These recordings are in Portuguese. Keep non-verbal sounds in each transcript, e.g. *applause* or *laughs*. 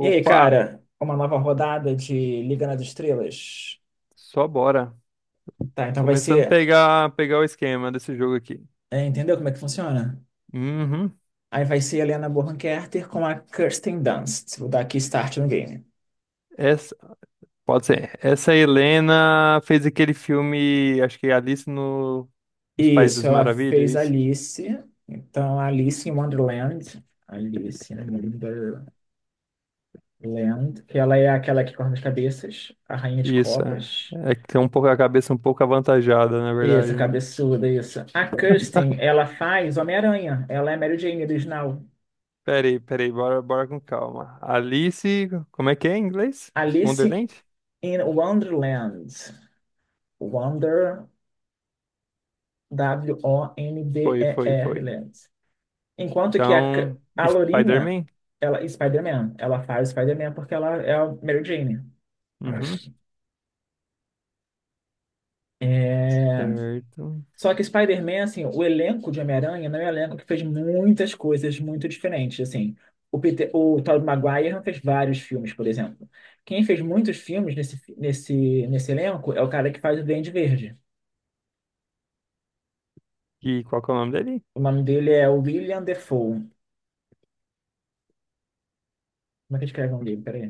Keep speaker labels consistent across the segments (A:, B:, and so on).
A: E aí,
B: Opa,
A: cara, uma nova rodada de Liga nas Estrelas.
B: só bora.
A: Tá, então vai
B: Começando a
A: ser.
B: pegar o esquema desse jogo aqui.
A: Entendeu como é que funciona?
B: Uhum.
A: Aí vai ser a Helena Bonham Carter com a Kirsten Dunst. Vou dar aqui start no game.
B: Essa, pode ser. Essa Helena fez aquele filme, acho que Alice no, nos Países
A: Isso,
B: das
A: ela
B: Maravilhas, é
A: fez
B: isso?
A: Alice. Então, Alice em Wonderland. Alice em Wonderland. Que ela é aquela que corta as cabeças, a rainha de
B: Isso, é.
A: copas.
B: É que tem um pouco a cabeça um pouco avantajada, na verdade,
A: Isso,
B: né?
A: cabeçuda, isso. A Kirsten, ela faz Homem-Aranha. Ela é Mary Jane original.
B: Peraí, bora com calma. Alice, como é que é em inglês?
A: Alice
B: Wonderland?
A: in Wonderland. Wonder,
B: Foi, foi,
A: W-O-N-D-E-R,
B: foi.
A: Lens. Enquanto que
B: Então,
A: a Lourinha,
B: Spider-Man?
A: ela, Spider-Man, ela faz Spider-Man porque ela é a Mary Jane.
B: Uhum, certo.
A: Só que Spider-Man, assim, o elenco de Homem-Aranha não é um elenco que fez muitas coisas muito diferentes, assim. O Peter, o Tobey Maguire não fez vários filmes, por exemplo. Quem fez muitos filmes nesse elenco é o cara que faz o Duende Verde.
B: E qual que é o nome dele?
A: O nome dele é William Defoe. Como é que escreve o nome dele? Peraí.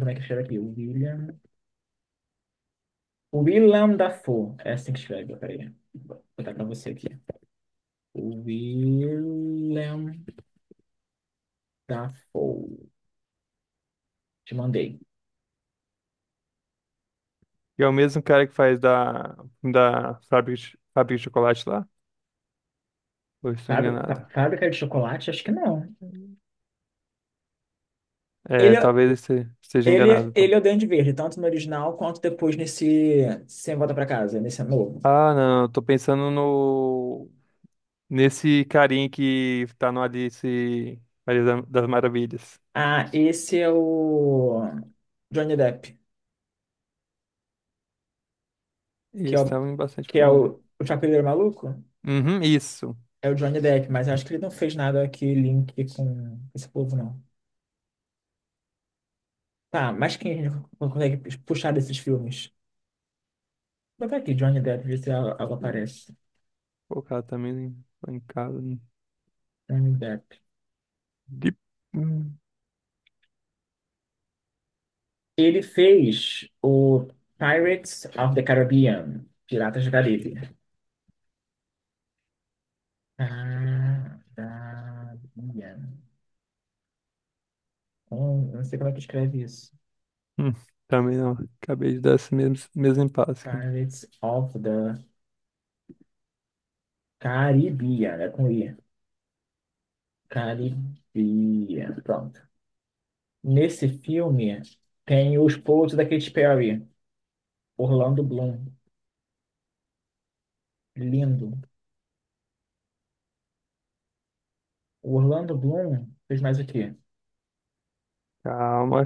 A: Como é que escreve aqui? William... Willem Dafoe. É assim que escreve, peraí. Vou botar pra você aqui. Willem Dafoe. Te mandei.
B: E é o mesmo cara que faz da fábrica de chocolate lá? Ou eu estou
A: Fábri- Fá-
B: enganado?
A: Fábrica de chocolate? Acho que não.
B: É,
A: Ele,
B: talvez eu esteja enganado,
A: ele
B: então.
A: é o Duende Verde, tanto no original quanto depois nesse Sem Volta Pra Casa, nesse novo.
B: Ah, não, eu tô pensando no nesse carinha que tá no das Maravilhas.
A: Ah, esse é o Johnny Depp, que é
B: Esse
A: o,
B: tava em bastante
A: que é
B: filme, né?
A: o Chapeleiro Maluco.
B: Uhum, isso.
A: É o Johnny Depp, mas eu acho que ele não fez nada que link com esse povo, não. Tá, mas quem a gente consegue puxar desses filmes? Bota aqui, Johnny Depp, ver se algo
B: É,
A: aparece.
B: colocar também lá em casa, né?
A: Johnny Depp.
B: De- Hum,
A: Ele fez o Pirates of the Caribbean, Piratas do Caribe. Caribbean. Eu não sei como é que escreve isso.
B: hum, também não. Acabei de dar esse mesmo impasse aqui.
A: Pirates of the Caribbean, é com I. Caribbean, pronto. Nesse filme tem o esposo da Katy Perry, Orlando Bloom. Lindo. O Orlando Bloom fez mais o quê?
B: Calma,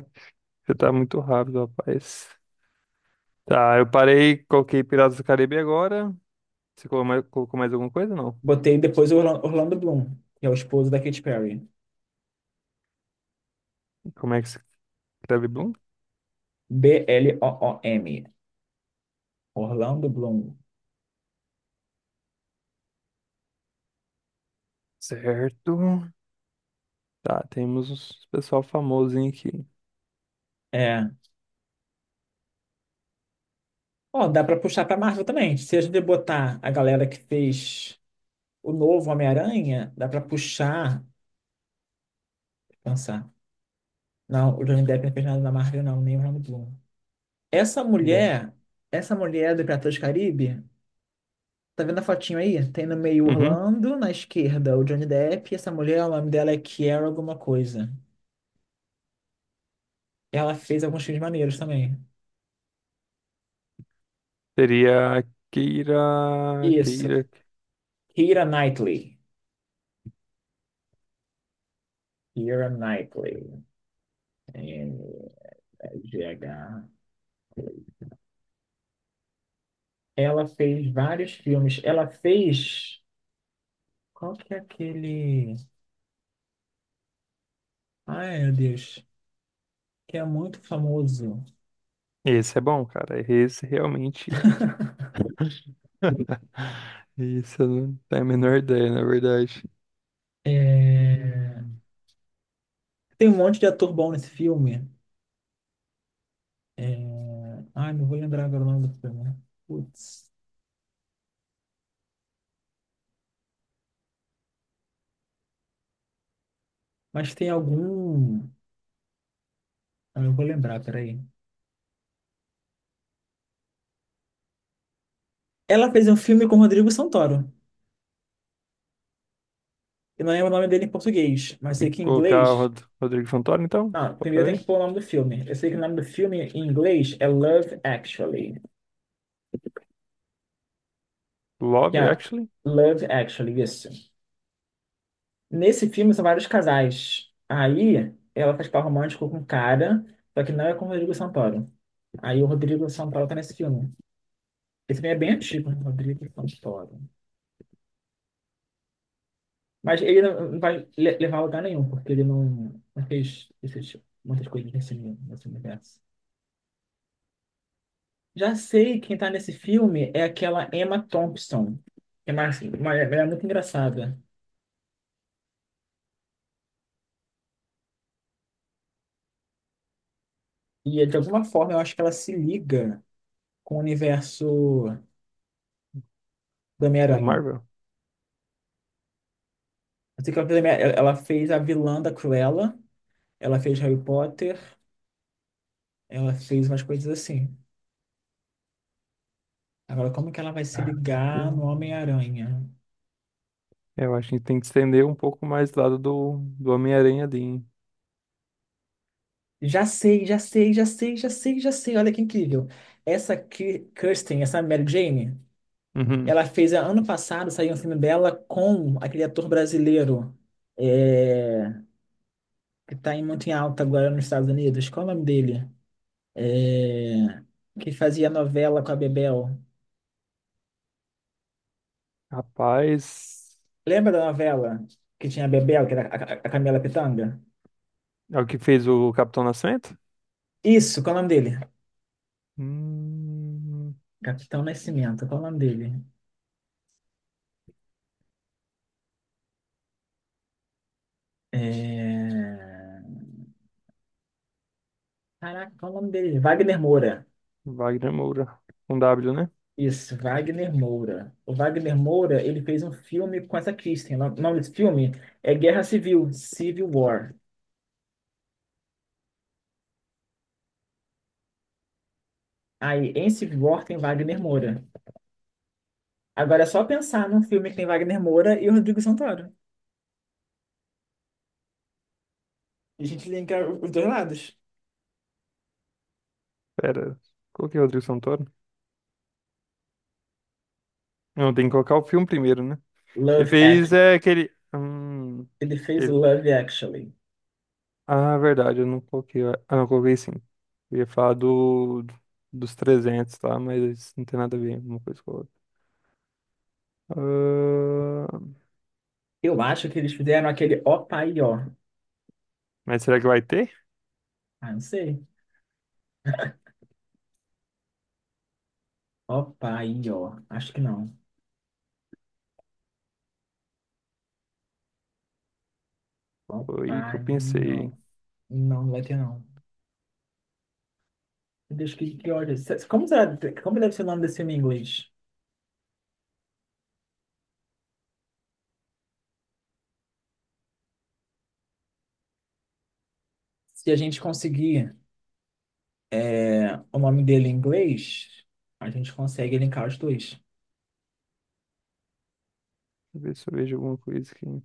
B: você tá muito rápido, rapaz. Tá, eu parei, coloquei Piratas do Caribe agora. Você colocou mais alguma coisa? Não.
A: Botei depois o Orla- Orlando Bloom, que é o esposo da Katy Perry.
B: Como é que se escreve Bloom?
A: B-L-O-O-M. Orlando Bloom.
B: Certo. Tá, temos uns pessoal famosinho aqui.
A: É. Ó, dá pra puxar pra Marvel também. Se a gente botar a galera que fez o novo Homem-Aranha, dá pra puxar. Deixa eu pensar. Não, o Johnny Depp não fez nada na Marvel, não, nem o Orlando Bloom. Essa
B: É.
A: mulher, essa mulher do Piratas do Caribe, tá vendo a fotinho aí? Tem no meio
B: Uhum.
A: Orlando, na esquerda o Johnny Depp, e essa mulher, o nome dela é Kiera alguma coisa. Ela fez alguns filmes maneiros também.
B: Seria
A: Isso.
B: Keira.
A: Keira Knightley. Keira Knightley. N-G-H. Ela fez vários filmes. Ela fez. Qual que é aquele. Ai, meu Deus. Que é muito famoso.
B: Esse é bom, cara. Esse realmente. *laughs* Isso, eu não tenho a menor ideia, na verdade.
A: É,
B: Hum.
A: tem um monte de ator bom nesse filme. É... Ai, não vou lembrar agora o nome do filme, né? Putz. Mas tem algum. Ah, eu vou lembrar, peraí. Ela fez um filme com Rodrigo Santoro. Eu não lembro o nome dele em português, mas sei que em
B: Colocar o
A: inglês.
B: Rodrigo Santoro, então?
A: Ah,
B: Só pra
A: primeiro tem que
B: ver.
A: pôr o nome do filme. Eu sei que o nome do filme em inglês é Love Actually.
B: Love,
A: Que é
B: Actually,
A: Love Actually, isso. Nesse filme são vários casais. Aí ela faz par romântico com um cara, só que não é com o Rodrigo Santoro. Aí o Rodrigo Santoro tá nesse filme. Esse filme é bem antigo, né? Rodrigo Santoro. Mas ele não vai le- levar a lugar nenhum, porque ele não, não fez esses- muitas coisas nesse universo. Já sei quem tá nesse filme é aquela Emma Thompson. Que é mais, uma, ela é muito engraçada. E é, de alguma forma eu acho que ela se liga com o universo do
B: da
A: Homem-Aranha.
B: Marvel.
A: Eu sei que ela fez, a minha- ela fez a vilã da Cruella, ela fez Harry Potter, ela fez umas coisas assim. Agora, como que ela vai se
B: Ah, meu
A: ligar no
B: Deus.
A: Homem-Aranha?
B: É, eu acho que tem que estender um pouco mais do Homem-Aranha ali, hein?
A: Já sei, já sei, já sei, já sei, já sei. Olha que incrível. Essa Ki- Kirsten, essa Mary Jane.
B: Uhum.
A: Ela fez, ano passado, saiu um filme dela com aquele ator brasileiro, é, que está muito em alta agora nos Estados Unidos. Qual é o nome dele? É, que fazia novela com a Bebel.
B: Rapaz,
A: Lembra da novela que tinha a Bebel, que era a Camila Pitanga?
B: é o que fez o Capitão Nascimento?
A: Isso, qual é o nome dele?
B: Hum,
A: Capitão Nascimento, qual é o nome dele? É... Caraca, qual é o nome dele? Wagner Moura.
B: Wagner Moura. Com W, né?
A: Isso, Wagner Moura. O Wagner Moura, ele fez um filme com essa Kristen. O nome desse filme é Guerra Civil, Civil War. Aí, em Civil War tem Wagner Moura. Agora é só pensar num filme que tem Wagner Moura e o Rodrigo Santoro. E a gente linka os dois lados.
B: Pera, coloquei o Rodrigo Santoro. Não, tem que colocar o filme primeiro, né? Ele
A: Love
B: fez
A: Act.
B: é,
A: Ele fez
B: ele-
A: Love Actually.
B: Ah, verdade, eu não coloquei. Ah, não, coloquei sim. Eu ia falar dos 300, tá? Mas isso não tem nada a ver uma coisa com a outra. Ah,
A: Eu acho que eles fizeram aquele Ó Pai Ó.
B: mas será que vai ter?
A: Ah, não sei. Ó Pai Ó. Acho que não. Ó
B: Foi aí que
A: Pai
B: eu
A: Ó.
B: pensei.
A: Não, não vai ter não. Meu Deus, que ódio. Se- Como, será, como deve ser o nome desse filme em inglês? Se a gente conseguir o nome dele em inglês, a gente consegue linkar os dois.
B: Deixa eu ver se eu vejo alguma coisa aqui.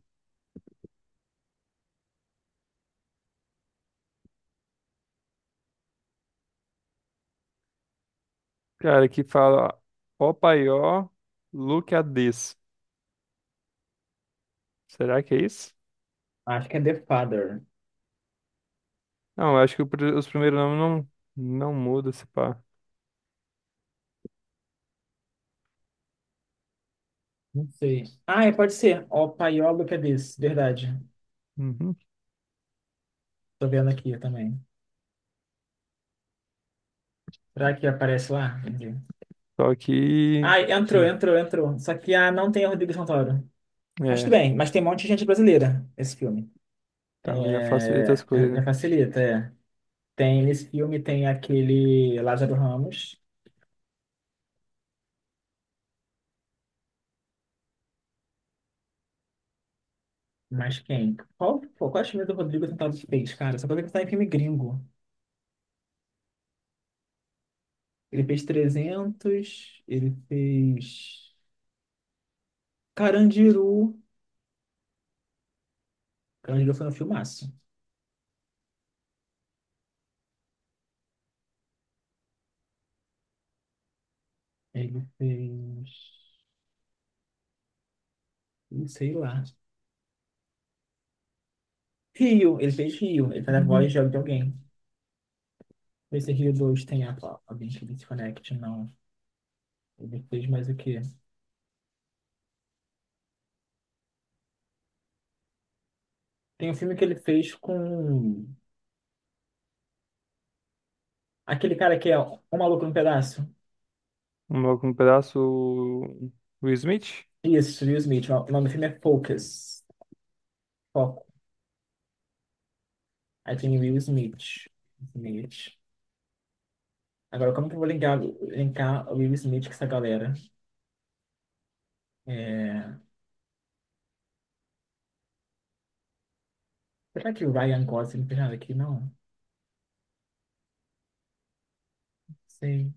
B: Cara, que fala ó paió, look at this. Será que é isso?
A: Acho que é The Father.
B: Não, eu acho que o os primeiros nomes não mudam, se pá.
A: Não sei. Ah, é, pode ser. O Paiolo que é desse, verdade.
B: Uhum.
A: Tô vendo aqui também. Será que aparece lá? Entendi.
B: Só que.
A: Ah, entrou. Só que ah, não tem o Rodrigo Santoro. Mas tudo
B: É,
A: bem, mas tem um monte de gente brasileira esse filme.
B: então já facilita as
A: É,
B: coisas.
A: já facilita, é. Tem nesse filme tem aquele Lázaro Ramos, mas quem? Qual, pô, quais filmes do Rodrigo Santoro que fez, cara? Só pra ver que tá em filme gringo. Ele fez 300, ele fez Carandiru. Carandiru foi um filmaço. Ele fez, não sei lá. Rio, ele fez Rio, ele faz a
B: Hum.
A: voz de alguém. Vê se Rio 2 tem a- alguém que se conecte, não. Ele fez mais o quê? Tem um filme que ele fez com aquele cara que é O Maluco no Pedaço.
B: Um logo no pedaço, o Smith.
A: Isso, Will Smith. O nome do filme é Focus. Foco. Aí tem Will Smith. Smith. Agora, como que eu vou linkar o Will Smith com essa galera? É... Será que o Ryan Gosling não tem nada aqui? Não. Não sei.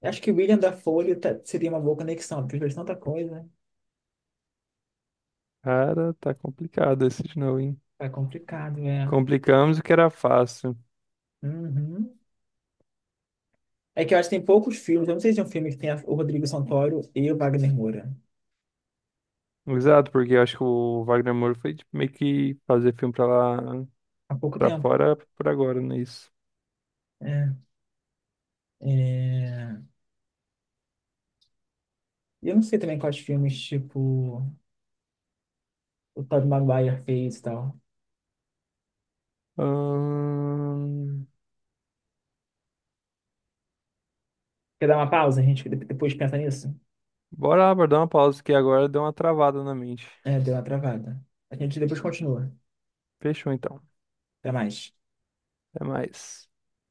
A: Eu acho que o William da Folha tá- seria uma boa conexão, porque ele fez tanta coisa.
B: Cara, tá complicado esse de novo, hein?
A: Tá complicado, né?
B: Complicamos o que era fácil.
A: Uhum. É que eu acho que tem poucos filmes. Eu não sei se é um filme que tem a- o Rodrigo Santoro e o Wagner Moura.
B: Exato, porque eu acho que o Wagner Moura foi tipo, meio que fazer filme pra lá.
A: Há pouco
B: Pra
A: tempo.
B: fora por agora nisso.
A: É. É... E eu não sei também quais filmes, tipo, o Tobey Maguire fez e tal.
B: Ahn,
A: Quer dar uma pausa? A gente depois pensa nisso?
B: Bora lá, bora dar uma pausa aqui agora, deu uma travada na mente.
A: É, deu uma travada. A gente depois continua.
B: Fechou então.
A: Até mais.
B: Até mais.